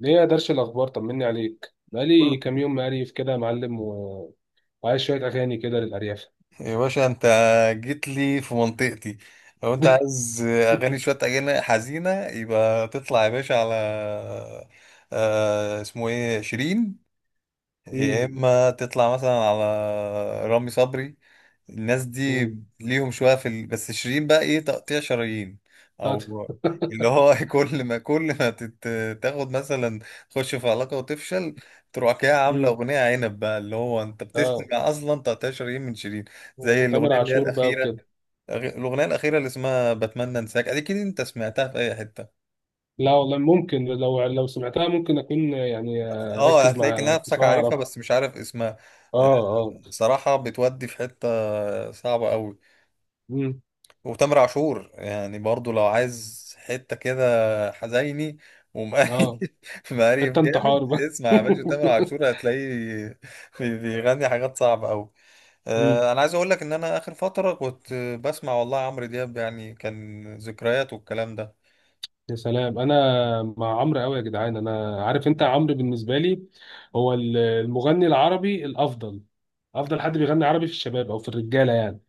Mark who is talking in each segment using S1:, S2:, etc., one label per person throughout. S1: ليه يا درش الأخبار؟ طمني عليك،
S2: كله.
S1: بقالي كام يوم مقريف كده يا معلم وعايز شوية أغاني كده للأرياف.
S2: يا باشا انت جيت لي في منطقتي. لو انت عايز اغاني شويه اغاني حزينه يبقى تطلع يا باشا على اسمه ايه شيرين، يا
S1: امم
S2: اما تطلع مثلا على رامي صبري. الناس دي
S1: امم
S2: ليهم شويه في بس شيرين بقى ايه؟ تقطيع شرايين،
S1: بتاعت-
S2: او اللي هو كل ما كل ما تت... تاخد مثلا تخش في علاقه وتفشل، تروح كده عامله
S1: امم.
S2: اغنيه عنب بقى، اللي هو انت
S1: اه،
S2: بتسمع اصلا تقطيع شرايين من شيرين. زي
S1: وتامر
S2: الاغنيه اللي هي
S1: عاشور بقى
S2: الاخيره،
S1: وكده.
S2: الاغنيه الاخيره اللي اسمها بتمنى انساك، اكيد انت سمعتها في اي حته.
S1: لا والله، ممكن لو سمعتها ممكن أكون يعني. أركز
S2: هتلاقيك
S1: معاها لو
S2: نفسك
S1: تسمعها أعرف.
S2: عارفها بس مش عارف اسمها.
S1: اه، اه.
S2: صراحة بتودي في حتة صعبة قوي.
S1: امم
S2: وتامر عاشور يعني برضو لو عايز حتة كده حزيني
S1: اه،
S2: ومقريف مقريف
S1: حتة
S2: جامد.
S1: انتحار بقى.
S2: اسمع يا باشا تامر عاشور هتلاقيه بيغني حاجات صعبة قوي.
S1: امم
S2: انا عايز اقول لك ان انا اخر فترة كنت بسمع والله عمرو دياب، يعني كان ذكريات والكلام ده.
S1: يا سلام، أنا مع عمرو أوي يا جدعان. أنا عارف، أنت عمرو بالنسبة لي هو المغني العربي الأفضل. افضل حد بيغني عربي في الشباب او في الرجاله يعني.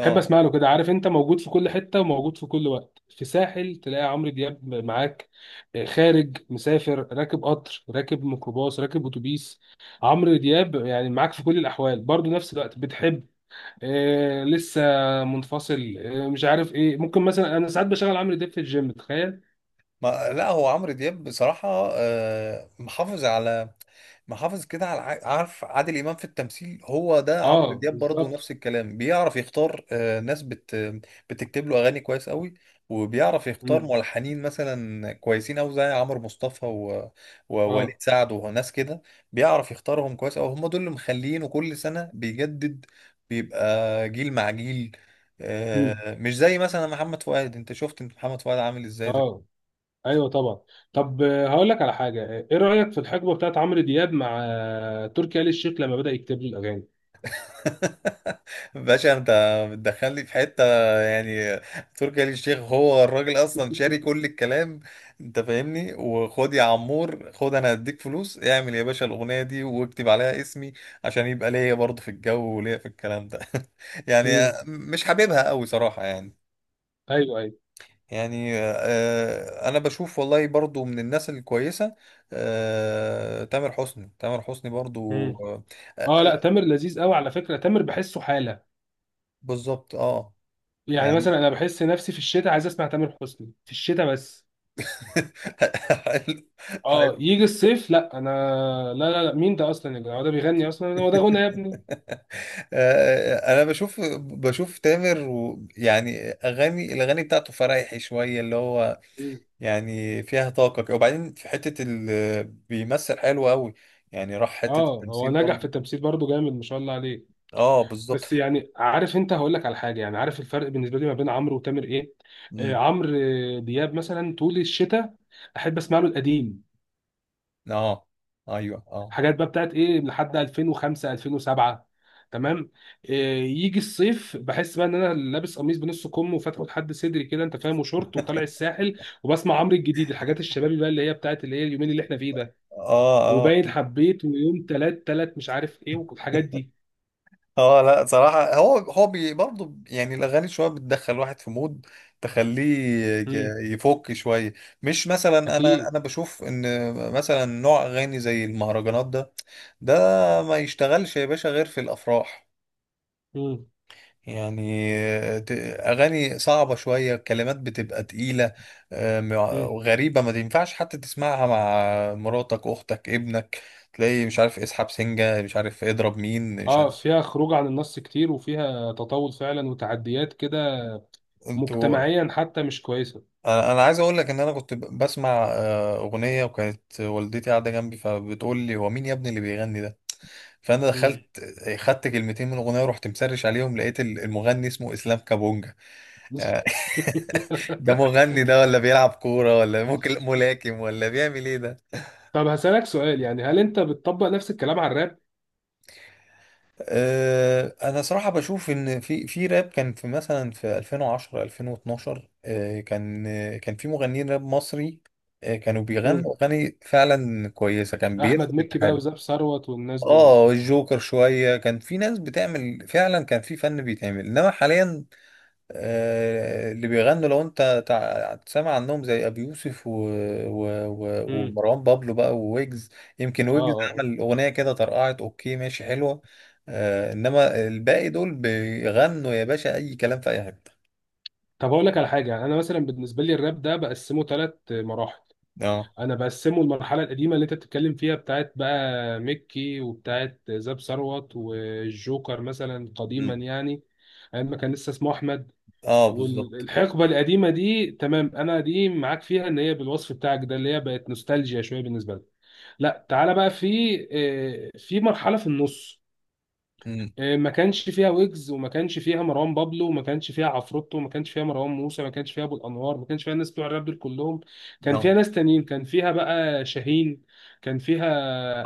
S1: بحب اسمع له كده. عارف انت، موجود في كل حته وموجود في كل وقت. في ساحل تلاقي عمرو دياب معاك. خارج مسافر راكب قطر راكب ميكروباص راكب اتوبيس. عمرو دياب يعني معاك في كل الاحوال، برضو نفس الوقت بتحب. لسه منفصل. مش عارف ايه. ممكن مثلا انا ساعات بشغل عمرو دياب في الجيم، تخيل.
S2: ما لا، هو عمرو دياب بصراحة محافظ على، محافظ كده على عارف عادل إمام في التمثيل؟ هو ده عمرو
S1: اه
S2: دياب برضه،
S1: بالظبط.
S2: نفس الكلام، بيعرف يختار ناس بتكتب له أغاني كويس قوي، وبيعرف يختار
S1: مم.
S2: ملحنين مثلا كويسين أوي زي عمرو مصطفى ووليد
S1: اه.
S2: سعد وناس كده. بيعرف يختارهم كويس أوي، هم دول اللي مخلينه كل سنة بيجدد، بيبقى جيل مع جيل.
S1: مم.
S2: مش زي مثلا محمد فؤاد، انت شفت انت محمد فؤاد عامل ازاي؟
S1: اه، ايوه طبعا. طب هقول لك على حاجه. ايه رايك في الحقبه بتاعت عمرو دياب مع تركي آل الشيخ لما بدا يكتب له الاغاني؟
S2: باشا انت بتدخلني في حته يعني. تركي آل الشيخ هو الراجل اصلا شاري كل الكلام، انت فاهمني، وخد يا عمور خد، انا هديك فلوس اعمل يا باشا الاغنيه دي واكتب عليها اسمي عشان يبقى ليا برضه في الجو وليا في الكلام ده يعني.
S1: امم
S2: مش حاببها قوي صراحه يعني.
S1: ايوه، ايوه.
S2: يعني انا بشوف والله برضو من الناس الكويسه تامر حسني. تامر حسني برضو
S1: امم
S2: آه،
S1: اه. لا،
S2: آه،
S1: تامر لذيذ قوي. على فكره تامر بحسه حاله.
S2: بالظبط. اه
S1: يعني
S2: يعني
S1: مثلا انا بحس نفسي في الشتاء عايز اسمع تامر حسني في الشتاء بس.
S2: حلو. حلو.
S1: اه، يجي الصيف لا انا، لا لا لا، مين ده اصلا يا جدع؟ هو ده بيغني اصلا؟ هو ده غنى يا ابني؟
S2: انا بشوف تامر، و يعني اغاني، الاغاني بتاعته فرايحي شويه، اللي هو
S1: امم
S2: يعني فيها طاقه كده. وبعدين في حته ال بيمثل حلو قوي، يعني راح حته
S1: اه، هو
S2: التمثيل
S1: نجح في
S2: برضه.
S1: التمثيل برضه جامد ما شاء الله.
S2: اه بالظبط.
S1: بس يعني عارف انت، هقول لك على حاجه. يعني عارف الفرق بالنسبه لي ما بين عمرو وتامر ايه؟
S2: أمم،
S1: عمرو دياب مثلا طول الشتاء، احب اسمع له القديم،
S2: اه. ايوه اه.
S1: حاجات بقى بتاعت ايه لحد 2005 2007، تمام. آه يجي الصيف بحس بقى ان انا لابس قميص بنص كم وفاتحه لحد صدري كده، انت فاهم، وشورت وطالع الساحل وبسمع عمرو الجديد، الحاجات الشبابي بقى اللي هي بتاعت اللي هي اليومين اللي احنا فيه ده.
S2: اه اه.
S1: وباين حبيت ويوم تلات تلات مش عارف ايه والحاجات دي.
S2: اه لا صراحة، هو هو برضه يعني الأغاني شوية بتدخل واحد في مود تخليه
S1: امم
S2: يفك شوية. مش مثلا، أنا
S1: اكيد.
S2: أنا بشوف إن مثلا نوع أغاني زي المهرجانات ده، ده ما يشتغلش يا باشا غير في الأفراح
S1: امم
S2: يعني. ت- أغاني صعبة شوية، كلمات بتبقى تقيلة غريبة، ما ينفعش حتى تسمعها مع مراتك أختك ابنك، تلاقي مش عارف اسحب سنجة، مش عارف اضرب مين، مش
S1: اه،
S2: عارف.
S1: فيها خروج عن النص كتير وفيها تطاول فعلا وتعديات كده،
S2: انتوا.
S1: مجتمعيا حتى مش كويسة.
S2: أنا عايز اقول لك ان انا كنت بسمع اغنيه وكانت والدتي قاعده جنبي، فبتقول لي هو مين يا ابني اللي بيغني ده؟ فانا
S1: مم.
S2: دخلت خدت كلمتين من الاغنيه ورحت مسرش عليهم، لقيت المغني اسمه اسلام كابونجا يعني. ده مغني ده، ولا بيلعب كوره، ولا ممكن ملاكم، ولا بيعمل ايه ده؟
S1: طب هسألك سؤال، يعني هل انت بتطبق نفس الكلام على الراب؟
S2: انا صراحه بشوف ان في راب، كان في مثلا في 2010 2012 كان في مغنيين راب مصري كانوا
S1: مم.
S2: بيغنوا اغاني فعلا كويسه، كان
S1: احمد
S2: بيثبت.
S1: مكي بقى وزاب ثروت والناس دول.
S2: اه الجوكر شوية، كان في ناس بتعمل فعلا، كان في فن بيتعمل، انما حاليا اللي بيغنوا لو انت سامع عنهم زي ابي يوسف
S1: مم.
S2: ومروان بابلو بقى وويجز، يمكن
S1: اه،
S2: ويجز
S1: اه.
S2: عمل اغنية كده طرقعت، اوكي ماشي حلوة، انما الباقي دول بيغنوا يا باشا اي كلام في اي حتة.
S1: طب اقول لك على حاجة، انا مثلا بالنسبة لي الراب ده بقسمه ثلاث مراحل.
S2: اه.
S1: انا بقسمه، المرحلة القديمة اللي انت بتتكلم فيها بتاعت بقى مكي وبتاعت زاب ثروت والجوكر مثلا قديما
S2: مم.
S1: يعني، ايام ما كان لسه اسمه احمد.
S2: اه بالظبط.
S1: والحقبة القديمة دي تمام أنا دي معاك فيها، إن هي بالوصف بتاعك ده اللي هي بقت نوستالجيا شوية بالنسبة لك. لا تعالى بقى، في مرحلة في النص.
S2: مم.
S1: ما كانش فيها ويجز وما كانش فيها مروان بابلو وما كانش فيها عفروتو وما كانش فيها مروان موسى، ما كانش فيها ابو الانوار، ما كانش فيها الناس بتوع الراب دول كلهم. كان فيها
S2: اه
S1: ناس تانيين، كان فيها بقى شاهين، كان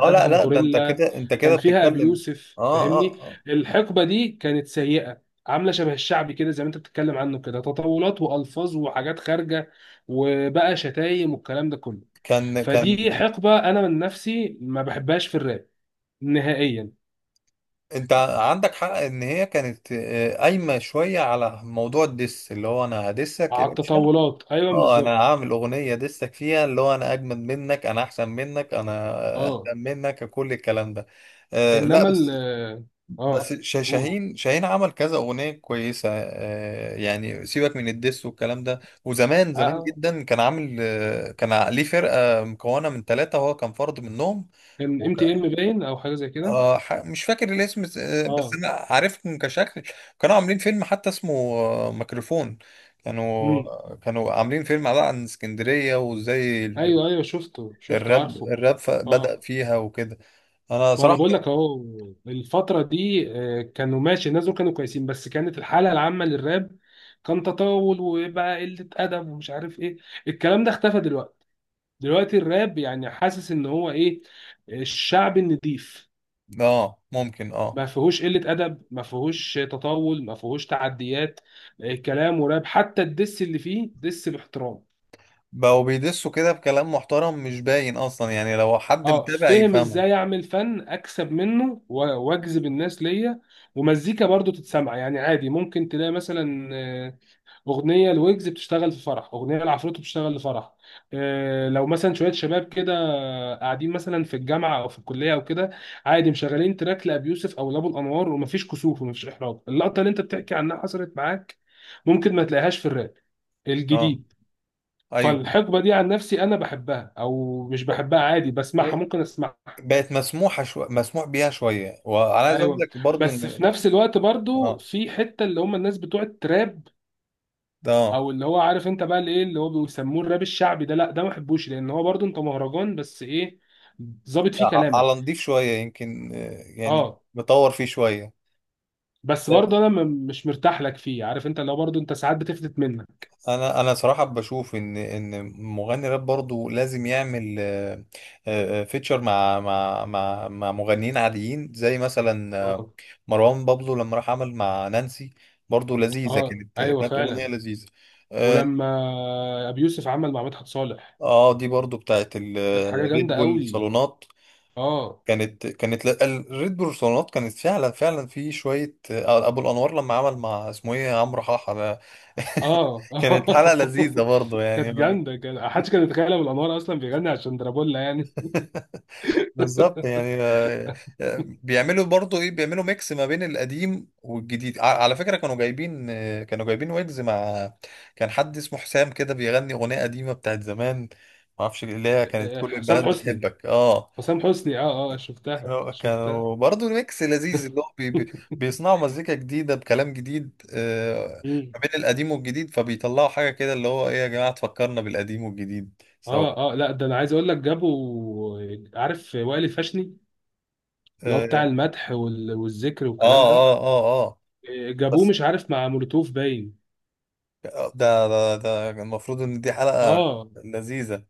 S2: اه. لا
S1: ادهم
S2: لا، ده انت
S1: غوريلا،
S2: كده، انت
S1: كان
S2: كده
S1: فيها ابي
S2: بتتكلم.
S1: يوسف،
S2: اه اه
S1: فاهمني. الحقبه دي كانت سيئه، عامله شبه الشعبي كده زي ما انت بتتكلم عنه كده، تطاولات والفاظ وحاجات خارجه، وبقى شتايم والكلام ده كله.
S2: كان كان
S1: فدي حقبه انا من نفسي ما بحبهاش في الراب نهائيا.
S2: انت عندك حق ان هي كانت قايمه شويه على موضوع الدس، اللي هو انا هدسك يا
S1: على
S2: باشا.
S1: التطاولات، ايوه
S2: اه، انا
S1: بالظبط.
S2: هعمل اغنيه دسك فيها، اللي هو انا اجمد منك، انا احسن منك، انا
S1: اه
S2: اقدم منك، كل الكلام ده. آه لا
S1: انما ال.
S2: بس، بس
S1: اه قول.
S2: شاهين عمل كذا اغنيه كويسه آه، يعني سيبك من الدس والكلام ده. وزمان
S1: آه،
S2: جدا كان عامل ليه فرقه مكونه من ثلاثه وهو كان فرد منهم.
S1: كان MTM باين او حاجه زي كده.
S2: مش فاكر الاسم بس
S1: اه.
S2: انا عارفهم كشكل، كانوا عاملين فيلم حتى اسمه ميكروفون. كانوا
S1: امم
S2: كانوا عاملين فيلم على عن اسكندرية وازاي
S1: ايوه، ايوه، شفته، شفته، عارفه.
S2: الراب بدأ
S1: اه،
S2: فيها وكده. انا
S1: ما انا
S2: صراحة
S1: بقول لك اهو. الفتره دي كانوا ماشي، الناس دول كانوا كويسين بس كانت الحاله العامه للراب كان تطاول وبقى قله ادب ومش عارف ايه. الكلام ده اختفى دلوقتي. دلوقتي الراب يعني حاسس ان هو ايه، الشعب النضيف،
S2: اه ممكن اه
S1: ما فيهوش قلة أدب، ما فيهوش تطاول، ما فيهوش تعديات. كلام وراب، حتى الدس اللي فيه دس باحترام.
S2: بقوا بيدسوا كده بكلام محترم، مش باين اصلا يعني لو حد
S1: اه
S2: متابع
S1: فهم،
S2: يفهمه.
S1: ازاي اعمل فن اكسب منه واجذب الناس ليا. ومزيكا برضو تتسمع يعني عادي. ممكن تلاقي مثلا اغنيه الويجز بتشتغل في فرح، اغنيه العفروتو بتشتغل لفرح. إيه لو مثلا شويه شباب كده قاعدين مثلا في الجامعه او في الكليه او كده، عادي مشغلين تراك لابي يوسف او لابو الانوار، ومفيش كسوف ومفيش احراج، اللقطه اللي انت بتحكي عنها حصلت معاك ممكن ما تلاقيهاش في الراب
S2: اه
S1: الجديد.
S2: ايوه.
S1: فالحقبه دي عن نفسي انا بحبها او مش بحبها عادي بسمعها،
S2: إيه،
S1: ممكن اسمعها.
S2: بقت مسموحة مسموح بيها شوية. وانا عايز اقول
S1: ايوه.
S2: لك برضو
S1: بس في
S2: ان
S1: نفس الوقت برضو
S2: اه
S1: في حته اللي هم الناس بتوع التراب،
S2: ده
S1: او اللي هو عارف انت بقى اللي ايه اللي هو بيسموه الراب الشعبي ده، لا ده ما بحبوش، لان هو برضو انت مهرجان بس ايه، ظابط فيه كلامك.
S2: على نضيف شوية يمكن يعني
S1: اه
S2: مطور فيه شوية.
S1: بس
S2: لا،
S1: برضه انا مش مرتاح لك فيه. عارف انت لو برضه انت ساعات بتفلت منك.
S2: انا انا صراحة بشوف ان مغني راب برضو لازم يعمل فيتشر مع مغنيين عاديين زي مثلا
S1: اه،
S2: مروان بابلو لما راح عمل مع نانسي، برضو لذيذة
S1: اه،
S2: كانت،
S1: ايوه
S2: كانت أغنية
S1: فعلا.
S2: لذيذة. اه
S1: ولما ابي يوسف عمل مع مدحت صالح
S2: دي برضو بتاعت
S1: كانت حاجه
S2: الريد
S1: جامده
S2: بول
S1: قوي.
S2: صالونات.
S1: اه.
S2: كانت الريد بيرسونات كانت فعلا فعلا في شويه ابو الانوار لما عمل مع اسمه ايه عمرو حاحه ده
S1: اه.
S2: كانت حلقه لذيذه برضه يعني.
S1: كانت جامده، كان محدش كان يتخيل ابو الانوار اصلا بيغني عشان درابولا يعني.
S2: بالظبط يعني بيعملوا برضو ايه، بيعملوا ميكس ما بين القديم والجديد على فكرة. كانوا جايبين كانوا جايبين ويجز مع، كان حد اسمه حسام كده بيغني أغنية قديمة بتاعت زمان، ما اعرفش، اللي هي كانت كل
S1: حسام
S2: البنات
S1: حسني.
S2: بتحبك. اه
S1: حسام حسني اه، اه، شفتها، شفتها.
S2: كانوا برضه ميكس لذيذ، اللي هو بي بيصنعوا مزيكا جديدة بكلام جديد
S1: مم.
S2: ما بين القديم والجديد، فبيطلعوا حاجة كده اللي هو ايه يا جماعة، تفكرنا بالقديم والجديد سوا.
S1: اه، اه. لا ده انا عايز اقول لك جابوا، عارف وائل الفاشني اللي هو بتاع
S2: اه
S1: المدح والذكر
S2: اه
S1: والكلام ده.
S2: اه اه
S1: جابوه
S2: بس
S1: مش عارف مع مولوتوف باين.
S2: ده المفروض ان دي حلقة
S1: اه
S2: لذيذة.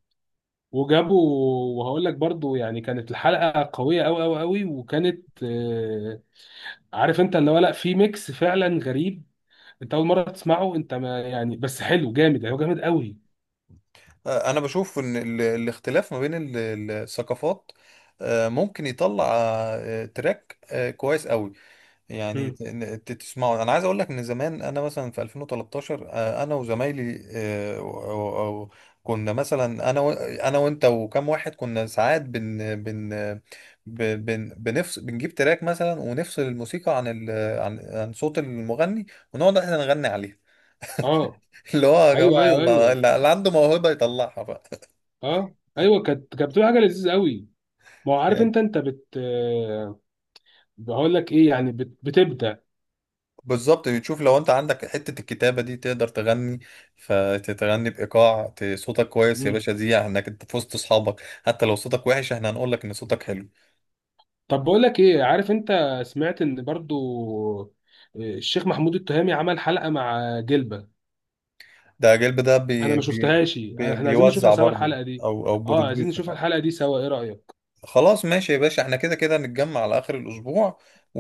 S1: وجابوا. وهقول لك برضو يعني كانت الحلقة قوية قوي قوي قوي، وكانت عارف انت اللي هو، لا في ميكس فعلا غريب. انت اول مرة تسمعه، انت ما يعني، بس حلو جامد هو جامد قوي.
S2: انا بشوف ان الاختلاف ما بين الثقافات ممكن يطلع تراك كويس قوي. يعني
S1: مم.
S2: تسمعوا. انا عايز اقول لك ان زمان انا مثلا في 2013 انا وزمايلي و- و- كنا مثلا، انا وانت وكم واحد، كنا ساعات بن بن ب- بن بنفصل، بنجيب تراك مثلا ونفصل الموسيقى عن ال، عن عن صوت المغني، ونقعد احنا نغني عليها.
S1: اه،
S2: اللي هو يا
S1: ايوه،
S2: جماعه
S1: ايوه،
S2: يلا
S1: ايوه.
S2: اللي عنده موهبه يطلعها بقى.
S1: اه ايوه، كانت كانت بتبقى حاجة لذيذة قوي. ما هو عارف انت انت بقول لك ايه يعني بتبدأ.
S2: بالظبط، تشوف لو انت عندك حتة الكتابة دي تقدر تغني فتغني بإيقاع. صوتك كويس يا
S1: مم.
S2: باشا، دي انك انت في وسط اصحابك، حتى لو صوتك وحش احنا هنقول لك ان صوتك حلو.
S1: طب بقول لك ايه، عارف انت، سمعت ان برضو الشيخ محمود التهامي عمل حلقة مع جلبة.
S2: ده جلب، ده
S1: انا
S2: بي
S1: ما
S2: بي
S1: شفتهاش،
S2: بي
S1: احنا عايزين نشوفها
S2: بيوزع
S1: سوا
S2: برضه،
S1: الحلقة دي.
S2: او او
S1: اه، عايزين نشوف
S2: بروديوسر.
S1: الحلقة دي سوا، ايه رأيك؟
S2: خلاص ماشي يا باشا، احنا كده نتجمع على اخر الاسبوع و...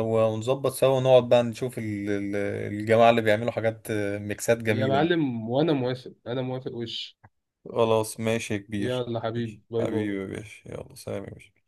S2: و- ونظبط سوا، ونقعد بقى نشوف الجماعة اللي بيعملوا حاجات ميكسات
S1: يا
S2: جميلة دي.
S1: معلم وانا موافق، انا موافق وش.
S2: خلاص ماشي يا كبير.
S1: يلا حبيبي
S2: ماشي.
S1: باي
S2: حبيبي يا
S1: باي.
S2: باشا يلا سلام يا باشا.